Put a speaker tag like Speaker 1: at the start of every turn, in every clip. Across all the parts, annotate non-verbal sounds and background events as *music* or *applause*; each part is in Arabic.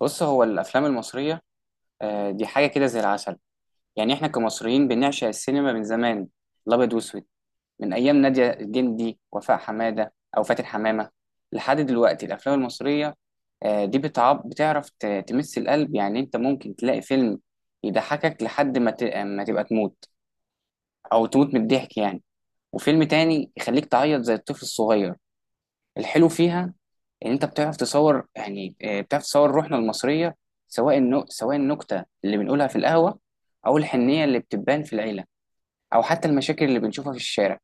Speaker 1: بص هو الافلام المصريه. آه، دي حاجه كده زي العسل. يعني احنا كمصريين بنعشق السينما من زمان، الابيض واسود، من ايام ناديه الجندي وفاء حماده او فاتن حمامه لحد دلوقتي. الافلام المصريه، آه، دي بتعب بتعرف تمس القلب. يعني انت ممكن تلاقي فيلم يضحكك لحد ما تبقى تموت او تموت من الضحك يعني، وفيلم تاني يخليك تعيط زي الطفل الصغير. الحلو فيها ان انت بتعرف تصور، يعني آه، بتعرف تصور روحنا المصريه، سواء النكته اللي بنقولها في القهوه او الحنيه اللي بتبان في العيله او حتى المشاكل اللي بنشوفها في الشارع.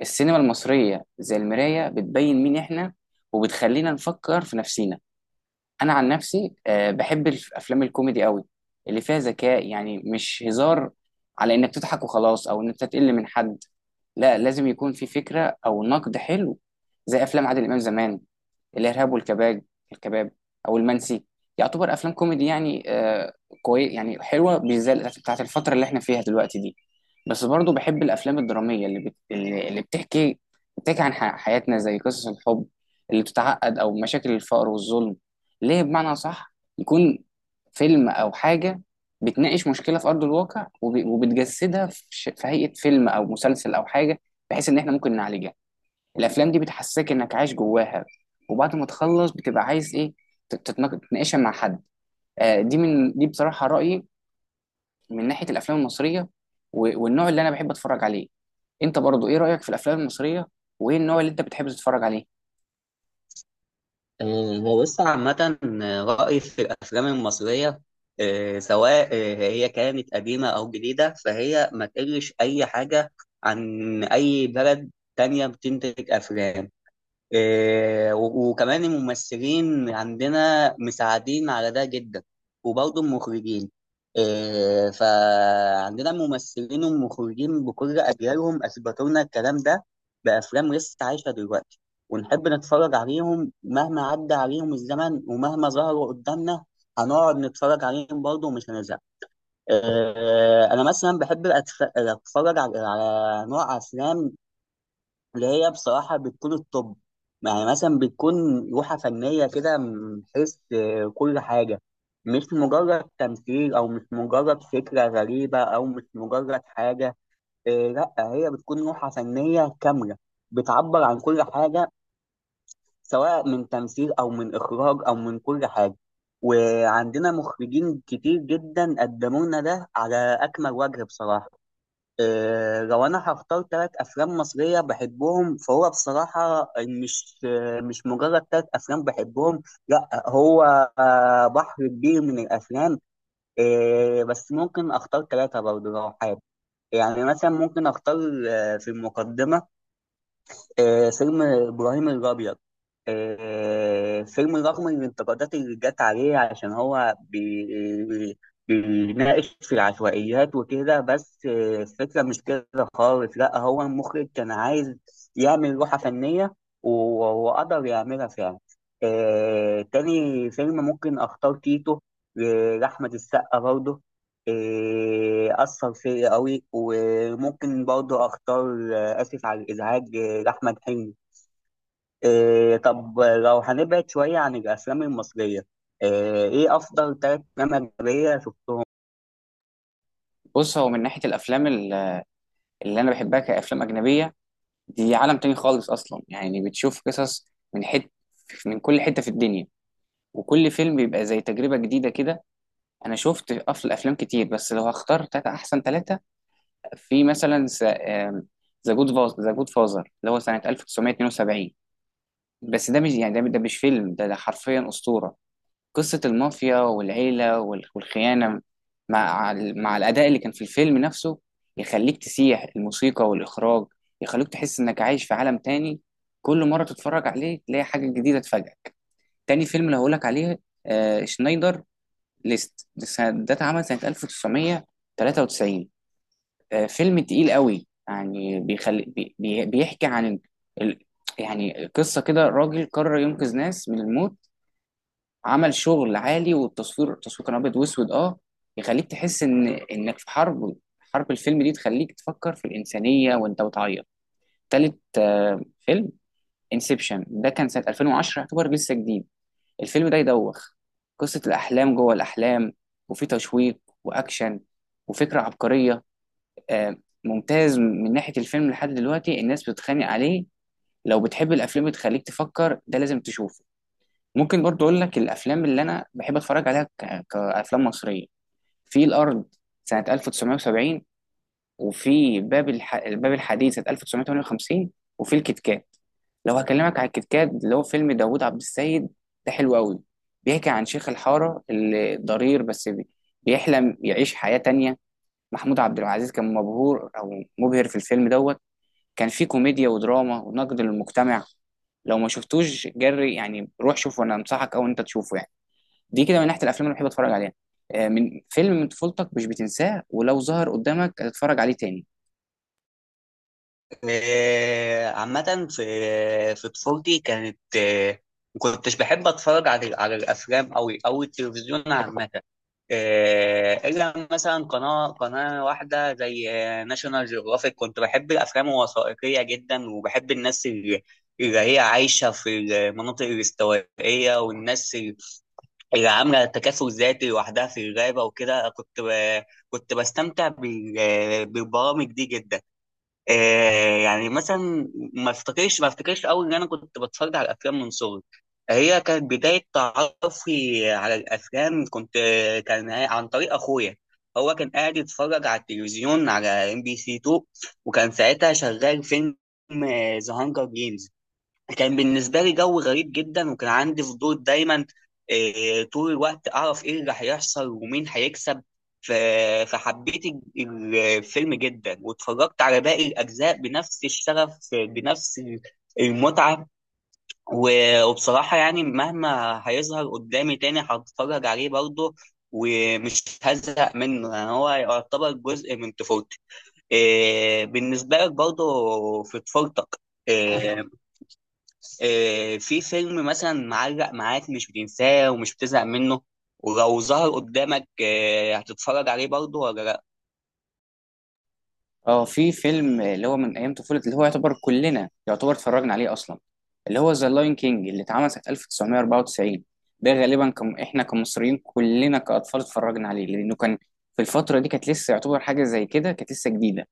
Speaker 1: السينما المصريه زي المرايه، بتبين مين احنا وبتخلينا نفكر في نفسينا. انا عن نفسي، آه، بحب الافلام الكوميدي قوي، اللي فيها ذكاء. يعني مش هزار على انك تضحك وخلاص او انك تقل من حد، لا، لازم يكون في فكره او نقد حلو، زي افلام عادل امام زمان، الإرهاب والكباب، الكباب، أو المنسي. يعتبر أفلام كوميدي يعني آه، كويس، يعني حلوة، بالذات بتاعت الفترة اللي احنا فيها دلوقتي دي. بس برضو بحب الأفلام الدرامية اللي بت... اللي اللي بتحكي، بتحكي عن حياتنا، زي قصص الحب اللي بتتعقد أو مشاكل الفقر والظلم، ليه بمعنى صح يكون فيلم أو حاجة بتناقش مشكلة في أرض الواقع وب... وبتجسدها في هيئة فيلم أو مسلسل أو حاجة، بحيث إن احنا ممكن نعالجها. الافلام دي بتحسسك انك عايش جواها، وبعد ما تخلص بتبقى عايز ايه؟ تتناقشها مع حد. آه، دي من دي بصراحه رايي من ناحيه الافلام المصريه و- والنوع اللي انا بحب اتفرج عليه. انت برضو ايه رايك في الافلام المصريه وايه النوع اللي انت بتحب تتفرج عليه؟
Speaker 2: هو بص عامة. رأيي في الأفلام المصرية سواء هي كانت قديمة أو جديدة، فهي ما تقلش أي حاجة عن أي بلد تانية بتنتج أفلام. إيه، وكمان الممثلين عندنا مساعدين على ده جدا، وبرضه المخرجين. إيه، فعندنا الممثلين والمخرجين بكل أجيالهم أثبتوا لنا الكلام ده بأفلام لسه عايشة دلوقتي، ونحب نتفرج عليهم مهما عدى عليهم الزمن ومهما ظهروا قدامنا هنقعد نتفرج عليهم برضه ومش هنزهق. إيه، أنا مثلا بحب أتفرج على نوع أفلام اللي هي بصراحة بتكون الطب. يعني مثلا بتكون لوحة فنية كده، من حيث كل حاجة. مش مجرد تمثيل، أو مش مجرد فكرة غريبة، أو مش مجرد حاجة. لأ، هي بتكون لوحة فنية كاملة بتعبر عن كل حاجة، سواء من تمثيل أو من إخراج أو من كل حاجة. وعندنا مخرجين كتير جدا قدموا لنا ده على أكمل وجه بصراحة. لو انا هختار ثلاث افلام مصريه بحبهم، فهو بصراحه مش مش مجرد ثلاث افلام بحبهم. لا، هو بحر كبير من الافلام. بس ممكن اختار ثلاثه برضه لو حابب. يعني مثلا ممكن اختار، في المقدمه، فيلم إبراهيم الأبيض. فيلم رغم الانتقادات اللي جت عليه عشان هو بيناقش في العشوائيات وكده. بس الفكرة مش كده خالص. لا، هو المخرج كان عايز يعمل لوحة فنية، و- وقدر يعملها فعلا. تاني فيلم ممكن أختار تيتو لأحمد السقا برضه. أثر فيا قوي. وممكن برضه أختار آسف على الإزعاج لأحمد حلمي. إيه، طب لو هنبعد شوية عن الأفلام المصرية، إيه أفضل ثلاث أفلام أجنبية شفتهم؟
Speaker 1: بص، هو من ناحيه اللي انا بحبها كافلام اجنبيه، دي عالم تاني خالص اصلا. يعني بتشوف قصص من حت من كل حته في الدنيا، وكل فيلم بيبقى زي تجربه جديده كده. انا شفت افلام كتير، بس لو هختار تلاتة احسن ثلاثه، في مثلا ذا جود ذا جود فازر، اللي هو سنة 1972. بس ده مش يعني ده مش فيلم، ده حرفيا أسطورة. قصة المافيا والعيلة وال- والخيانة مع ال- مع الأداء اللي كان في الفيلم نفسه، يخليك تسيح. الموسيقى والإخراج يخليك تحس إنك عايش في عالم تاني، كل مرة تتفرج عليه تلاقي حاجة جديدة تفاجئك. تاني فيلم اللي هقولك عليه آه شنايدر ليست. ده اتعمل سنة 1993. آه، فيلم تقيل قوي يعني، بيحكي عن ال- يعني قصة كده راجل قرر ينقذ ناس من الموت. عمل شغل عالي، والتصوير، كان أبيض وأسود. أه، يخليك تحس إن إنك في حرب. حرب الفيلم دي تخليك تفكر في الإنسانية وأنت بتعيط. تالت آه، فيلم انسبشن، ده كان سنة 2010، يعتبر لسه جديد. الفيلم ده يدوخ، قصة الأحلام جوه الأحلام، وفي تشويق وأكشن وفكرة عبقرية. آه، ممتاز من ناحية الفيلم. لحد دلوقتي الناس بتتخانق عليه. لو بتحب الأفلام بتخليك تفكر، ده لازم تشوفه. ممكن برضو أقول لك الأفلام اللي أنا بحب أتفرج عليها كأفلام مصرية، في الأرض سنة 1970، وفي باب الحديد سنة 1958، وفي الكيت كات. لو هكلمك على الكيت كات اللي هو فيلم داوود عبد السيد، ده حلو قوي. بيحكي عن شيخ الحارة اللي ضرير، بيحلم يعيش حياة تانية. محمود عبد العزيز كان مبهور او مبهر في الفيلم دوت. كان فيه كوميديا ودراما ونقد للمجتمع. لو ما شفتوش جري يعني، روح شوفه، انا انصحك او انت تشوفه يعني. دي كده من ناحيه الافلام اللي بحب اتفرج عليها. آه، من فيلم من طفولتك مش بتنساه ولو ظهر قدامك هتتفرج عليه تاني؟
Speaker 2: عامة في طفولتي كانت ما كنتش بحب اتفرج على الافلام أوي او التلفزيون عامة. الا مثلا قناة واحدة زي ناشونال جيوغرافيك. كنت بحب الافلام الوثائقية جدا، وبحب الناس اللي هي عايشة في المناطق الاستوائية، والناس اللي عاملة تكافل ذاتي لوحدها في الغابة وكده. كنت بستمتع بالبرامج دي جدا. آه، يعني مثلا ما افتكرش قوي ان انا كنت بتفرج على الافلام من صغري. هي كانت بدايه تعرفي على الافلام، كنت كان عن طريق اخويا. هو كان قاعد يتفرج على التلفزيون على ام بي سي 2، وكان ساعتها شغال فيلم ذا هانجر جيمز. كان بالنسبه لي جو غريب جدا، وكان عندي فضول دايما طول الوقت اعرف ايه اللي هيحصل ومين هيكسب. ف- فحبيت الفيلم جدا، واتفرجت على باقي الاجزاء بنفس الشغف، بنفس المتعه. وبصراحه يعني مهما هيظهر قدامي تاني هتفرج عليه برضه ومش هزهق منه. يعني هو يعتبر جزء من طفولتي. بالنسبه لك برضه في طفولتك، آه، في فيلم مثلا معلق معاك مش بتنساه ومش بتزهق منه؟ ولو ظهر قدامك هتتفرج عليه برضه ولا لا؟
Speaker 1: اه، في فيلم اللي هو من ايام طفولة، اللي هو يعتبر كلنا يعتبر اتفرجنا عليه اصلا، اللي هو ذا لاين كينج، اللي اتعمل سنة 1994. ده غالبا كم احنا كمصريين كلنا كاطفال اتفرجنا عليه، لانه كان في الفترة دي كانت لسه يعتبر حاجة زي كده، كانت لسه جديدة.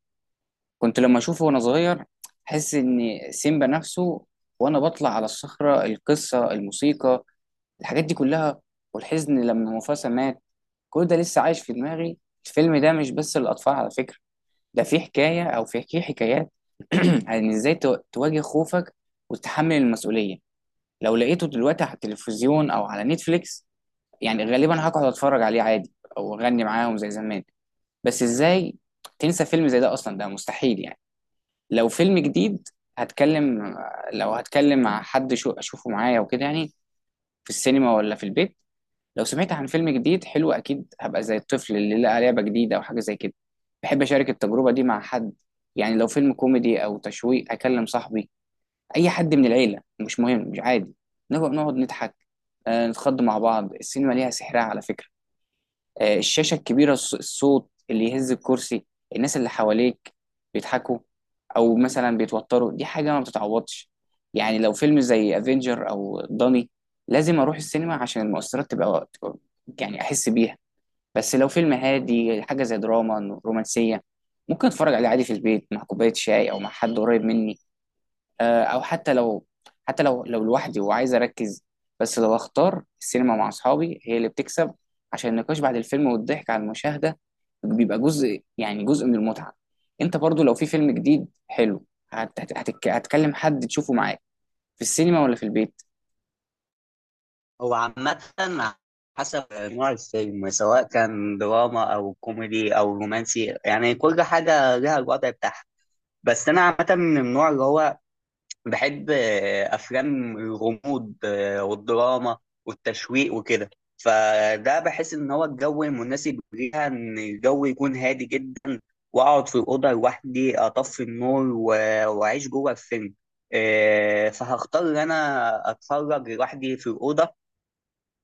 Speaker 1: كنت لما اشوفه وانا صغير احس ان سيمبا نفسه، وانا بطلع على الصخرة. القصة، الموسيقى، الحاجات دي كلها، والحزن لما موفاسا مات، كل ده لسه عايش في دماغي. الفيلم ده مش بس للاطفال على فكرة، ده في حكاية أو في حكايات *clears throat* عن إزاي تواجه خوفك وتتحمل المسؤولية. لو لقيته دلوقتي على التلفزيون أو على نتفليكس، يعني غالبا هقعد أتفرج عليه عادي أو أغني معاهم زي زمان. بس إزاي تنسى فيلم زي ده أصلا؟ ده مستحيل يعني. لو فيلم جديد، هتكلم، لو هتكلم مع حد شو أشوفه معايا وكده يعني، في السينما ولا في البيت؟ لو سمعت عن فيلم جديد حلو، اكيد هبقى زي الطفل اللي لقى لعبه جديده او حاجه زي كده. بحب اشارك التجربه دي مع حد، يعني لو فيلم كوميدي او تشويق اكلم صاحبي، اي حد من العيله مش مهم، مش عادي، نبقى نقعد نضحك، آه، نتخض مع بعض. السينما ليها سحرها على فكره، آه، الشاشة الكبيرة، الصوت اللي يهز الكرسي، الناس اللي حواليك بيضحكوا أو مثلا بيتوتروا، دي حاجة ما بتتعوضش. يعني لو فيلم زي افنجر أو داني، لازم أروح السينما عشان المؤثرات يعني أحس بيها. بس لو فيلم هادي، حاجة زي دراما رومانسية، ممكن أتفرج عليه عادي في البيت مع كوباية شاي أو مع حد قريب مني، آه، او حتى لو، حتى لو لوحدي وعايز اركز. بس لو اختار السينما مع اصحابي، هي اللي بتكسب، عشان النقاش بعد الفيلم والضحك على المشاهده بيبقى جزء، يعني جزء من المتعه. انت برضو لو في فيلم جديد حلو، هتكلم حد تشوفه معاك في السينما ولا في البيت؟
Speaker 2: هو عامة حسب نوع الفيلم، سواء كان دراما أو كوميدي أو رومانسي، يعني كل حاجة لها الوضع بتاعها. بس أنا عامة من النوع اللي هو بحب أفلام الغموض، والدراما والتشويق وكده. فده بحس إن هو الجو المناسب ليها، إن الجو يكون هادي جدا، واقعد في الاوضه لوحدي، اطفي النور، واعيش جوه الفيلم. فهختار ان انا اتفرج لوحدي في الاوضه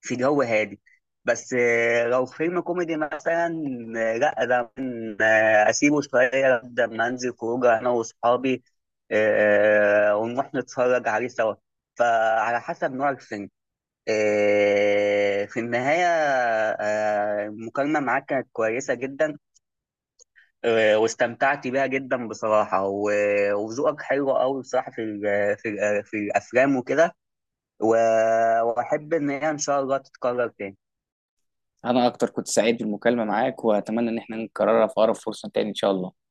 Speaker 2: في جو هادي. بس لو فيلم كوميدي مثلا، لا، ده ممكن، اسيبه شويه لما انزل خروجه انا واصحابي، ونروح نتفرج عليه سوا. فعلى حسب نوع الفيلم. في النهايه، المكالمه معاك كانت كويسه جدا، واستمتعت بيها جدا بصراحة، وذوقك حلو قوي بصراحة في في الأفلام وكده. و- وأحب إن هي إن شاء الله تتكرر تاني.
Speaker 1: انا اكتر كنت سعيد بالمكالمه معاك واتمنى ان احنا نكررها في اقرب فرصه تاني ان شاء الله.